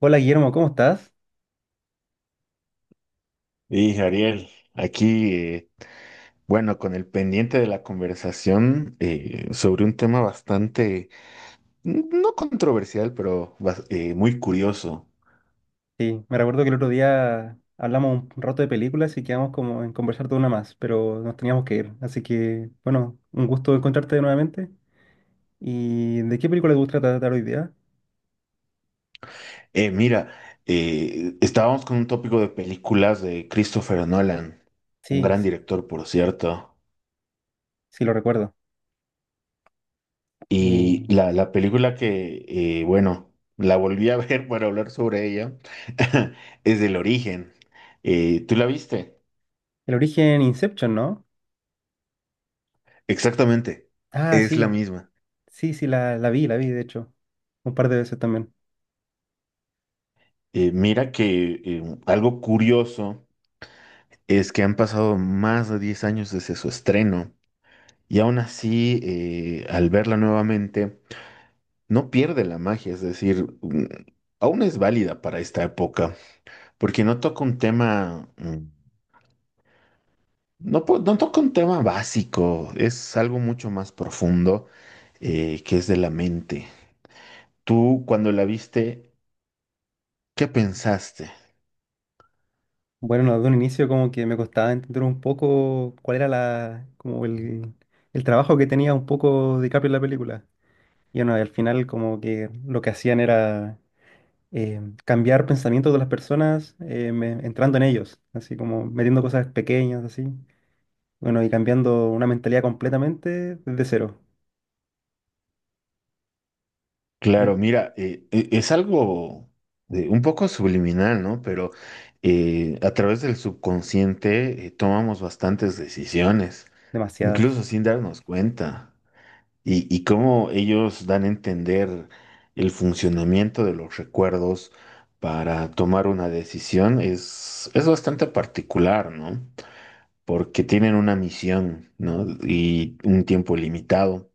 Hola Guillermo, ¿cómo estás? Y Ariel, aquí, bueno, con el pendiente de la conversación sobre un tema bastante, no controversial, pero muy curioso. Sí, me recuerdo que el otro día hablamos un rato de películas y quedamos como en conversar de una más, pero nos teníamos que ir. Así que, bueno, un gusto encontrarte nuevamente. ¿Y de qué película te gusta tratar hoy día? Mira, estábamos con un tópico de películas de Christopher Nolan, un Sí, gran director, por cierto. sí, lo recuerdo. Eh, Y la película que, bueno, la volví a ver para hablar sobre ella, es El Origen. ¿Tú la viste? el origen Inception, ¿no? Exactamente, Ah, es la sí, misma. sí, sí, la vi, la vi, de hecho, un par de veces también. Mira que algo curioso es que han pasado más de 10 años desde su estreno y aún así al verla nuevamente no pierde la magia, es decir, aún es válida para esta época porque no toca un tema, no, no toca un tema básico, es algo mucho más profundo que es de la mente. Tú cuando la viste, ¿qué pensaste? Bueno, de un inicio como que me costaba entender un poco cuál era el trabajo que tenía un poco DiCaprio en la película. Y bueno, y al final como que lo que hacían era cambiar pensamientos de las personas, entrando en ellos, así como metiendo cosas pequeñas, así. Bueno, y cambiando una mentalidad completamente desde cero. Yo- Claro, mira, es algo de, un poco subliminal, ¿no? Pero a través del subconsciente tomamos bastantes decisiones, Demasiadas. incluso sin darnos cuenta. Y cómo ellos dan a entender el funcionamiento de los recuerdos para tomar una decisión es bastante particular, ¿no? Porque tienen una misión, ¿no? Y un tiempo limitado.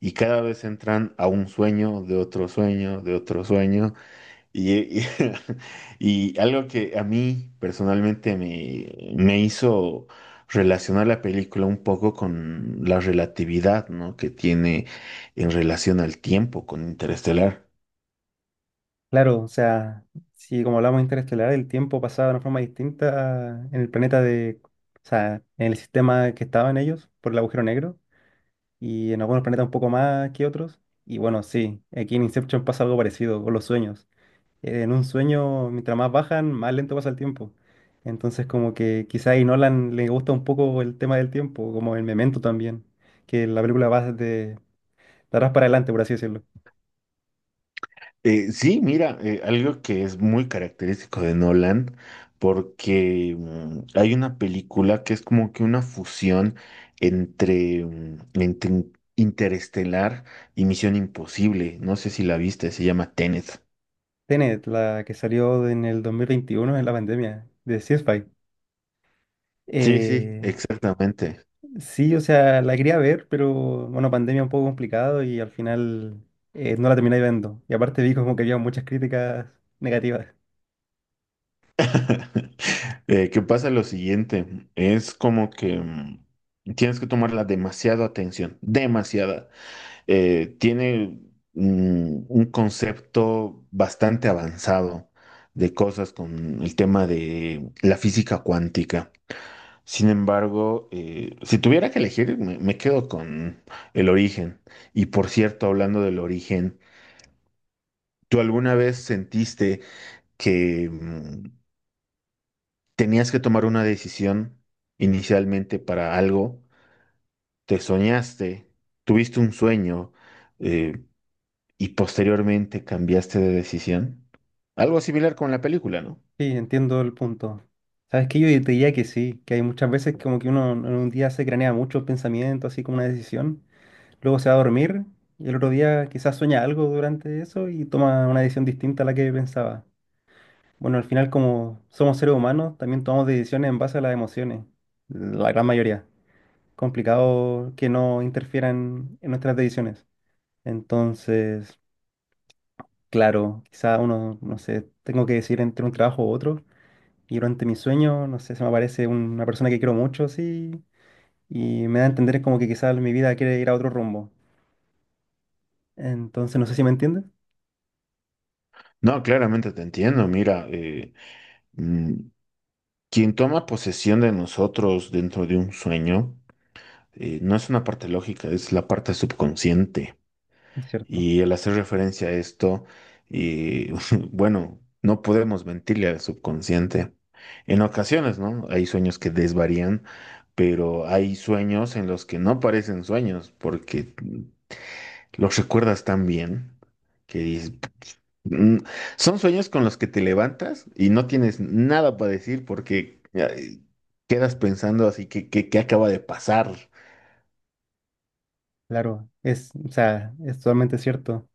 Y cada vez entran a un sueño, de otro sueño, de otro sueño. Y, y- y algo que a mí personalmente me hizo relacionar la película un poco con la relatividad, ¿no? que tiene en relación al tiempo con Interestelar. Claro, o sea, si como hablamos de interestelar, el tiempo pasaba de una forma distinta en el planeta de, o sea, en el sistema que estaban ellos por el agujero negro y en algunos planetas un poco más que otros. Y bueno, sí, aquí en Inception pasa algo parecido con los sueños. En un sueño, mientras más bajan, más lento pasa el tiempo. Entonces, como que quizá a Nolan le gusta un poco el tema del tiempo, como el Memento también, que la película va de atrás para adelante, por así decirlo. Sí, mira, algo que es muy característico de Nolan, porque hay una película que es como que una fusión entre, entre Interestelar y Misión Imposible. No sé si la viste, se llama Tenet. Tenet, la que salió en el 2021 en la pandemia, de sci Sí, sí, Eh, exactamente. sí, o sea, la quería ver, pero bueno, pandemia un poco complicado y al final no la terminé viendo. Y aparte vi como que había muchas críticas negativas. Que pasa lo siguiente, es como que tienes que tomarla demasiado atención, demasiada. Tiene un concepto bastante avanzado de cosas con el tema de la física cuántica. Sin embargo, si tuviera que elegir, me quedo con el origen. Y por cierto, hablando del origen, ¿tú alguna vez sentiste que tenías que tomar una decisión inicialmente para algo? ¿Te soñaste? ¿Tuviste un sueño? Eh, y posteriormente cambiaste de decisión. Algo similar con la película, ¿no? Sí, entiendo el punto. Sabes que yo te diría que sí, que hay muchas veces como que uno en un día se cranea mucho el pensamiento, así como una decisión, luego se va a dormir y el otro día quizás sueña algo durante eso y toma una decisión distinta a la que pensaba. Bueno, al final como somos seres humanos, también tomamos decisiones en base a las emociones, la gran mayoría. Complicado que no interfieran en nuestras decisiones. Entonces, claro, quizás uno, no sé, tengo que decir entre un trabajo u otro. Y durante mi sueño, no sé, se me aparece una persona que quiero mucho, sí, y me da a entender como que quizás mi vida quiere ir a otro rumbo. Entonces, no sé si me entiendes. No, claramente te entiendo. Mira, mm, quien toma posesión de nosotros dentro de un sueño, no es una parte lógica, es la parte subconsciente. Es cierto, Y al hacer referencia a esto, y, bueno, no podemos mentirle al subconsciente. En ocasiones, ¿no? Hay sueños que desvarían, pero hay sueños en los que no parecen sueños, porque los recuerdas tan bien que dices, "Mm". Son sueños con los que te levantas y no tienes nada para decir porque ay, quedas pensando así ¿qué acaba de pasar? claro, es, o sea, es totalmente cierto.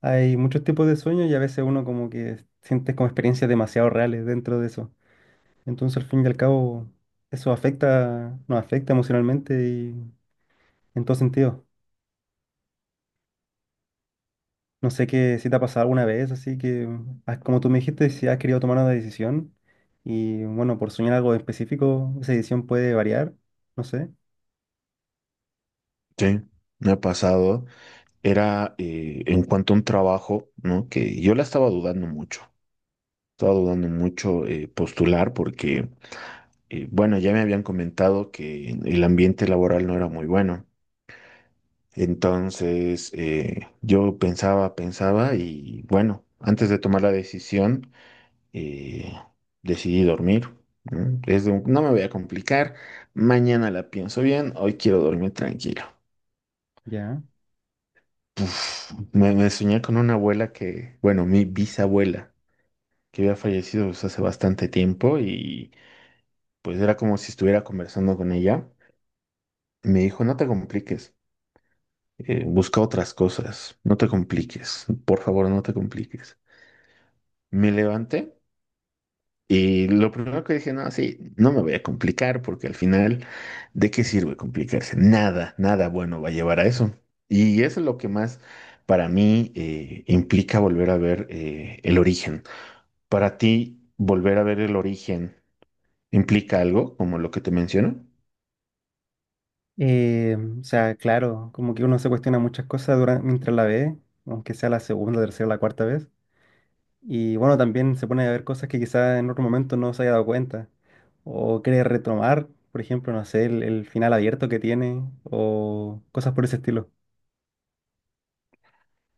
Hay muchos tipos de sueños y a veces uno como que siente como experiencias demasiado reales dentro de eso. Entonces, al fin y al cabo, eso afecta, nos afecta emocionalmente y en todo sentido. No sé qué si te ha pasado alguna vez, así que ah, como tú me dijiste, si has querido tomar una decisión y bueno, por soñar algo específico, esa decisión puede variar, no sé, Sí, me ha pasado. Era en cuanto a un trabajo, ¿no? Que yo la estaba dudando mucho. Estaba dudando mucho postular porque, bueno, ya me habían comentado que el ambiente laboral no era muy bueno. Entonces, yo pensaba, pensaba y bueno, antes de tomar la decisión, eh, decidí dormir. ¿No? Es de no me voy a complicar, mañana la pienso bien, hoy quiero dormir tranquilo. ya. Puf, me soñé con una abuela que, bueno, mi bisabuela, que había fallecido pues, hace bastante tiempo y pues era como si estuviera conversando con ella. Me dijo, no te compliques, busca otras cosas, no te compliques, por favor, no te compliques. Me levanté y lo primero que dije, no, sí, no me voy a complicar porque al final, ¿de qué sirve complicarse? Nada, nada bueno va a llevar a eso. Y eso es lo que más para mí implica volver a ver el origen. Para ti, volver a ver el origen implica algo como lo que te menciono. O sea, claro, como que uno se cuestiona muchas cosas durante, mientras la ve, aunque sea la segunda, tercera, la cuarta vez. Y bueno, también se pone a ver cosas que quizás en otro momento no se haya dado cuenta. O quiere retomar, por ejemplo, no sé, el final abierto que tiene, o cosas por ese estilo.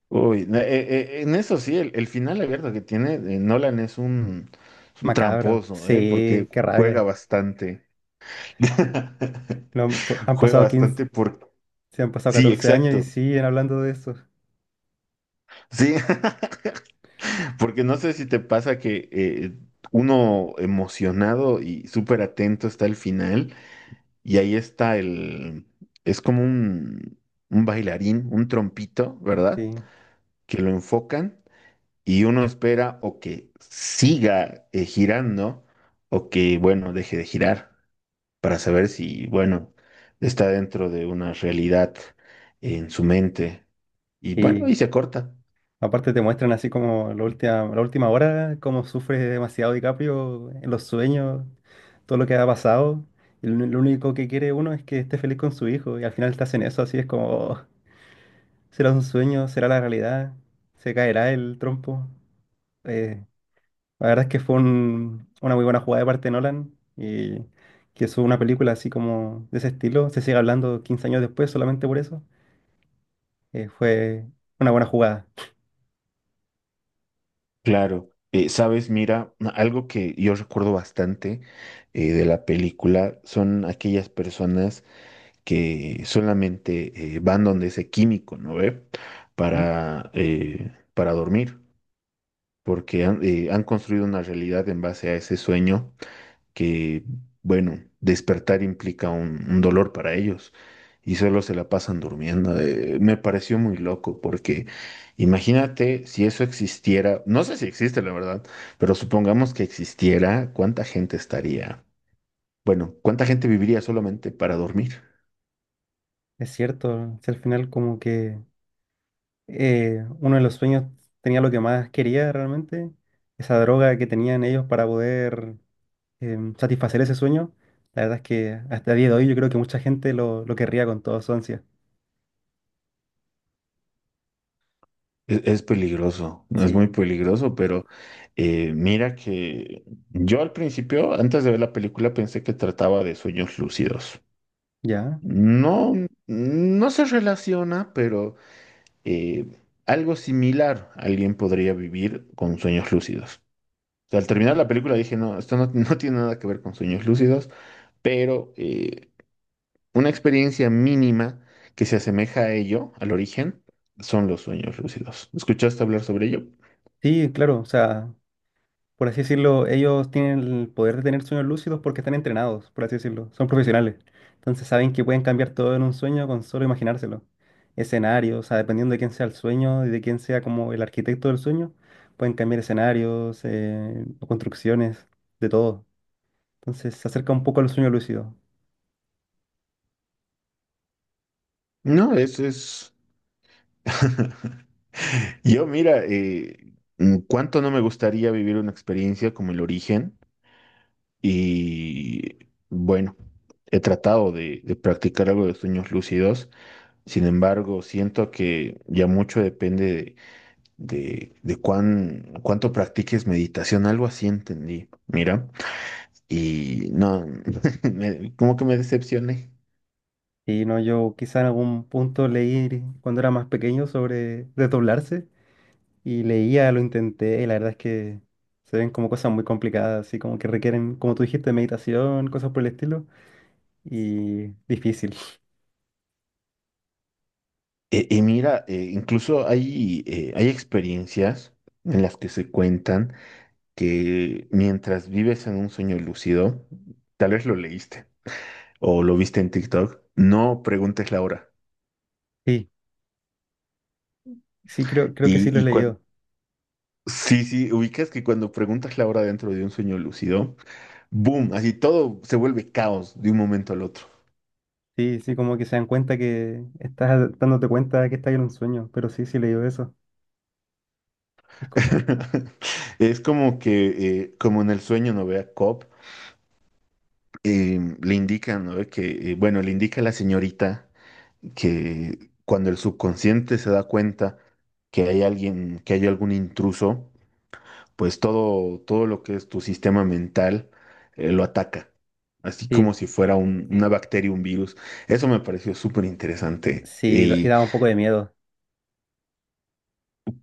Uy, en eso sí, el final abierto que tiene Nolan es un Macabro. tramposo, Sí, porque qué juega rabia. bastante. No, han Juega pasado 15 bastante porque se han pasado sí, 14 años exacto. y siguen hablando de eso. Sí, porque no sé si te pasa que uno emocionado y súper atento está al final y ahí está es como un bailarín, un trompito, ¿verdad? Sí. Que lo enfocan y uno espera o que siga girando o que, bueno, deje de girar para saber si, bueno, está dentro de una realidad en su mente y bueno, Y y se corta. aparte te muestran así como la última hora, cómo sufre demasiado DiCaprio en los sueños, todo lo que ha pasado. Y lo único que quiere uno es que esté feliz con su hijo. Y al final te hacen eso, así es como, "Oh, será un sueño, será la realidad, se caerá el trompo. Eh, La verdad es que fue una muy buena jugada de parte de Nolan y que es una película así como de ese estilo, se sigue hablando 15 años después solamente por eso, fue una buena jugada. Claro, sabes, mira, algo que yo recuerdo bastante de la película son aquellas personas que solamente van donde ese químico, ¿no ve? ¿Mm? Para dormir, porque han construido una realidad en base a ese sueño que, bueno, despertar implica un dolor para ellos y solo se la pasan durmiendo. Me pareció muy loco porque imagínate si eso existiera, no sé si existe la verdad, pero supongamos que existiera, ¿cuánta gente estaría? Bueno, ¿cuánta gente viviría solamente para dormir? Es cierto, si al final como que uno de los sueños tenía lo que más quería realmente, esa droga que tenían ellos para poder satisfacer ese sueño, la verdad es que hasta el día de hoy yo creo que mucha gente lo querría con toda su ansia. Es peligroso, es Sí, muy peligroso, pero mira que yo al principio, antes de ver la película, pensé que trataba de sueños lúcidos. ya. No, no se relaciona, pero eh, algo similar alguien podría vivir con sueños lúcidos. O sea, al terminar la película dije, no, esto no tiene nada que ver con sueños lúcidos, pero una experiencia mínima que se asemeja a ello, al origen, son los sueños lúcidos. ¿Escuchaste hablar sobre ello? Sí, claro, o sea... por así decirlo, ellos tienen el poder de tener sueños lúcidos porque están entrenados, por así decirlo, son profesionales. Entonces saben que pueden cambiar todo en un sueño con solo imaginárselo. Escenarios, o sea, dependiendo de quién sea el sueño y de quién sea como el arquitecto del sueño, pueden cambiar escenarios, o construcciones, de todo. Entonces se acerca un poco al sueño lúcido. No, eso es. Yo, mira, cuánto no me gustaría vivir una experiencia como el origen. Y bueno, he tratado de practicar algo de sueños lúcidos, sin embargo, siento que ya mucho depende de cuánto practiques meditación, algo así entendí, mira, y no, como que me decepcioné. Y no, yo quizá en algún punto leí cuando era más pequeño sobre desdoblarse y leía, lo intenté, y la verdad es que se ven como cosas muy complicadas, así como que requieren, como tú dijiste, meditación, cosas por el estilo, y difícil. Y, mira, incluso hay experiencias en las que se cuentan que mientras vives en un sueño lúcido, tal vez lo leíste o lo viste en TikTok, no preguntes la hora. Sí, sí, creo que sí lo Y, he y cuando, leído. sí, sí, ubicas que cuando preguntas la hora dentro de un sueño lúcido, boom, así todo se vuelve caos de un momento al otro. Sí, sí, como que se dan cuenta que estás dándote cuenta que estás en un sueño, pero sí, sí he leído eso. Y co- Es como que, como en el sueño, ¿no ve? A Cobb, le indican, ¿no ve? Que, bueno, le indica a la señorita que cuando el subconsciente se da cuenta que hay alguien, que hay algún intruso, pues todo lo que es tu sistema mental lo ataca, así como Sí, si fuera una bacteria, un virus. Eso me pareció súper interesante. sí, y Y daba un poco de miedo.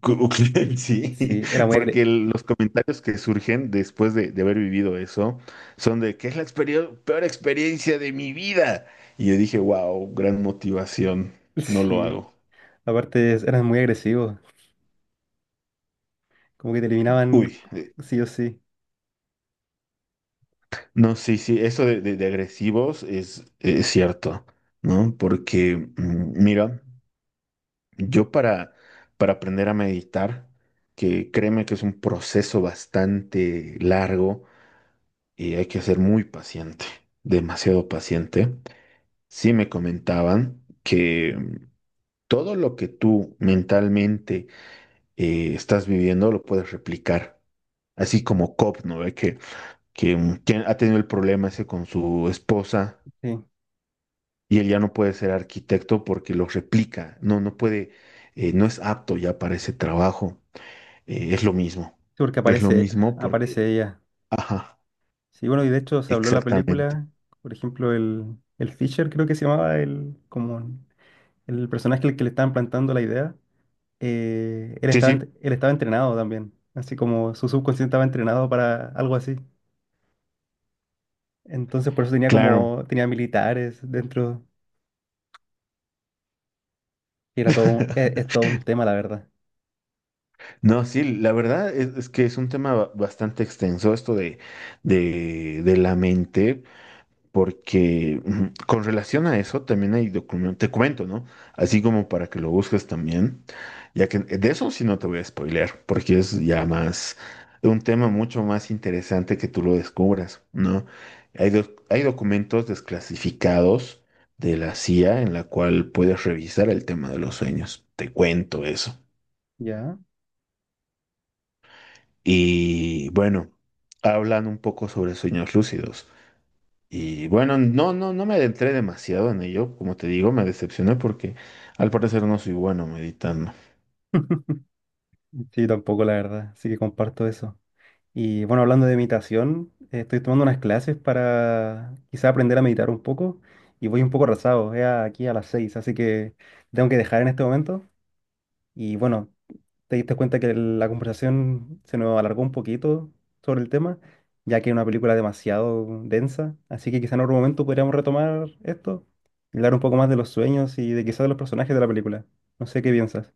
cu- sí, Sí, era muy agre... porque los comentarios que surgen después de haber vivido eso son de que es la peor experiencia de mi vida. Y yo dije, wow, gran motivación, no lo Sí, hago. aparte eran muy agresivos, como que te Uy, eliminaban sí o sí. no, sí, sí, eso de agresivos es cierto, ¿no? Porque, mira, yo para aprender a meditar, que créeme que es un proceso bastante largo y hay que ser muy paciente, demasiado paciente, sí me comentaban que todo lo que tú mentalmente estás viviendo lo puedes replicar. Así como Cobb, ¿no? Ve que ha tenido el problema ese con su esposa Sí, sí, y él ya no puede ser arquitecto porque lo replica, no puede, no es apto ya para ese trabajo. Es lo mismo. porque Es lo aparece, mismo porque, aparece ella. ajá, Sí, bueno, y de hecho se habló en la exactamente. película, por ejemplo, el Fisher creo que se llamaba, el, como el personaje al que le estaban plantando la idea, él Sí, estaba, sí, él estaba entrenado también, así como su subconsciente estaba entrenado para algo así. Entonces por eso tenía claro. como, tenía militares dentro, y era todo es todo un tema, la verdad. No, sí, la verdad es que es un tema bastante extenso esto de la mente. Porque ujú, con relación a eso también hay documentos, te comento, ¿no? Así como para que lo busques también, ya que de eso sí no te voy a spoilear, porque es ya más un tema mucho más interesante que tú lo descubras, ¿no? Hay documentos desclasificados de la CIA en la cual puedes revisar el tema de los sueños. Te cuento eso. ¿Ya? Y bueno, hablan un poco sobre sueños lúcidos. Y bueno, no me adentré demasiado en ello, como te digo, me decepcioné porque al parecer no soy bueno meditando. Sí, tampoco, la verdad, así que comparto eso. Y bueno, hablando de meditación, estoy tomando unas clases para quizá aprender a meditar un poco y voy un poco arrasado, es aquí a las 6, así que tengo que dejar en este momento. Y bueno, te diste cuenta que la conversación se nos alargó un poquito sobre el tema, ya que es una película demasiado densa, así que quizá en otro momento podríamos retomar esto y hablar un poco más de los sueños y de quizá de los personajes de la película. No sé qué piensas.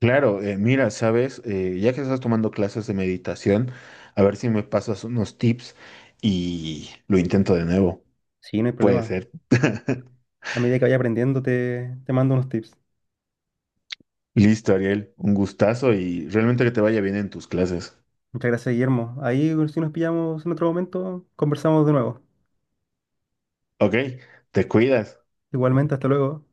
Claro, mira, sabes, ya que estás tomando clases de meditación, a ver si me pasas unos tips y lo intento de nuevo. Sí, no hay Puede problema. ser. A medida que vaya aprendiendo te mando unos tips. Listo, Ariel, un gustazo y realmente que te vaya bien en tus clases. Muchas gracias, Guillermo. Ahí, si nos pillamos en otro momento, conversamos de nuevo. Ok, te cuidas. Igualmente, hasta luego.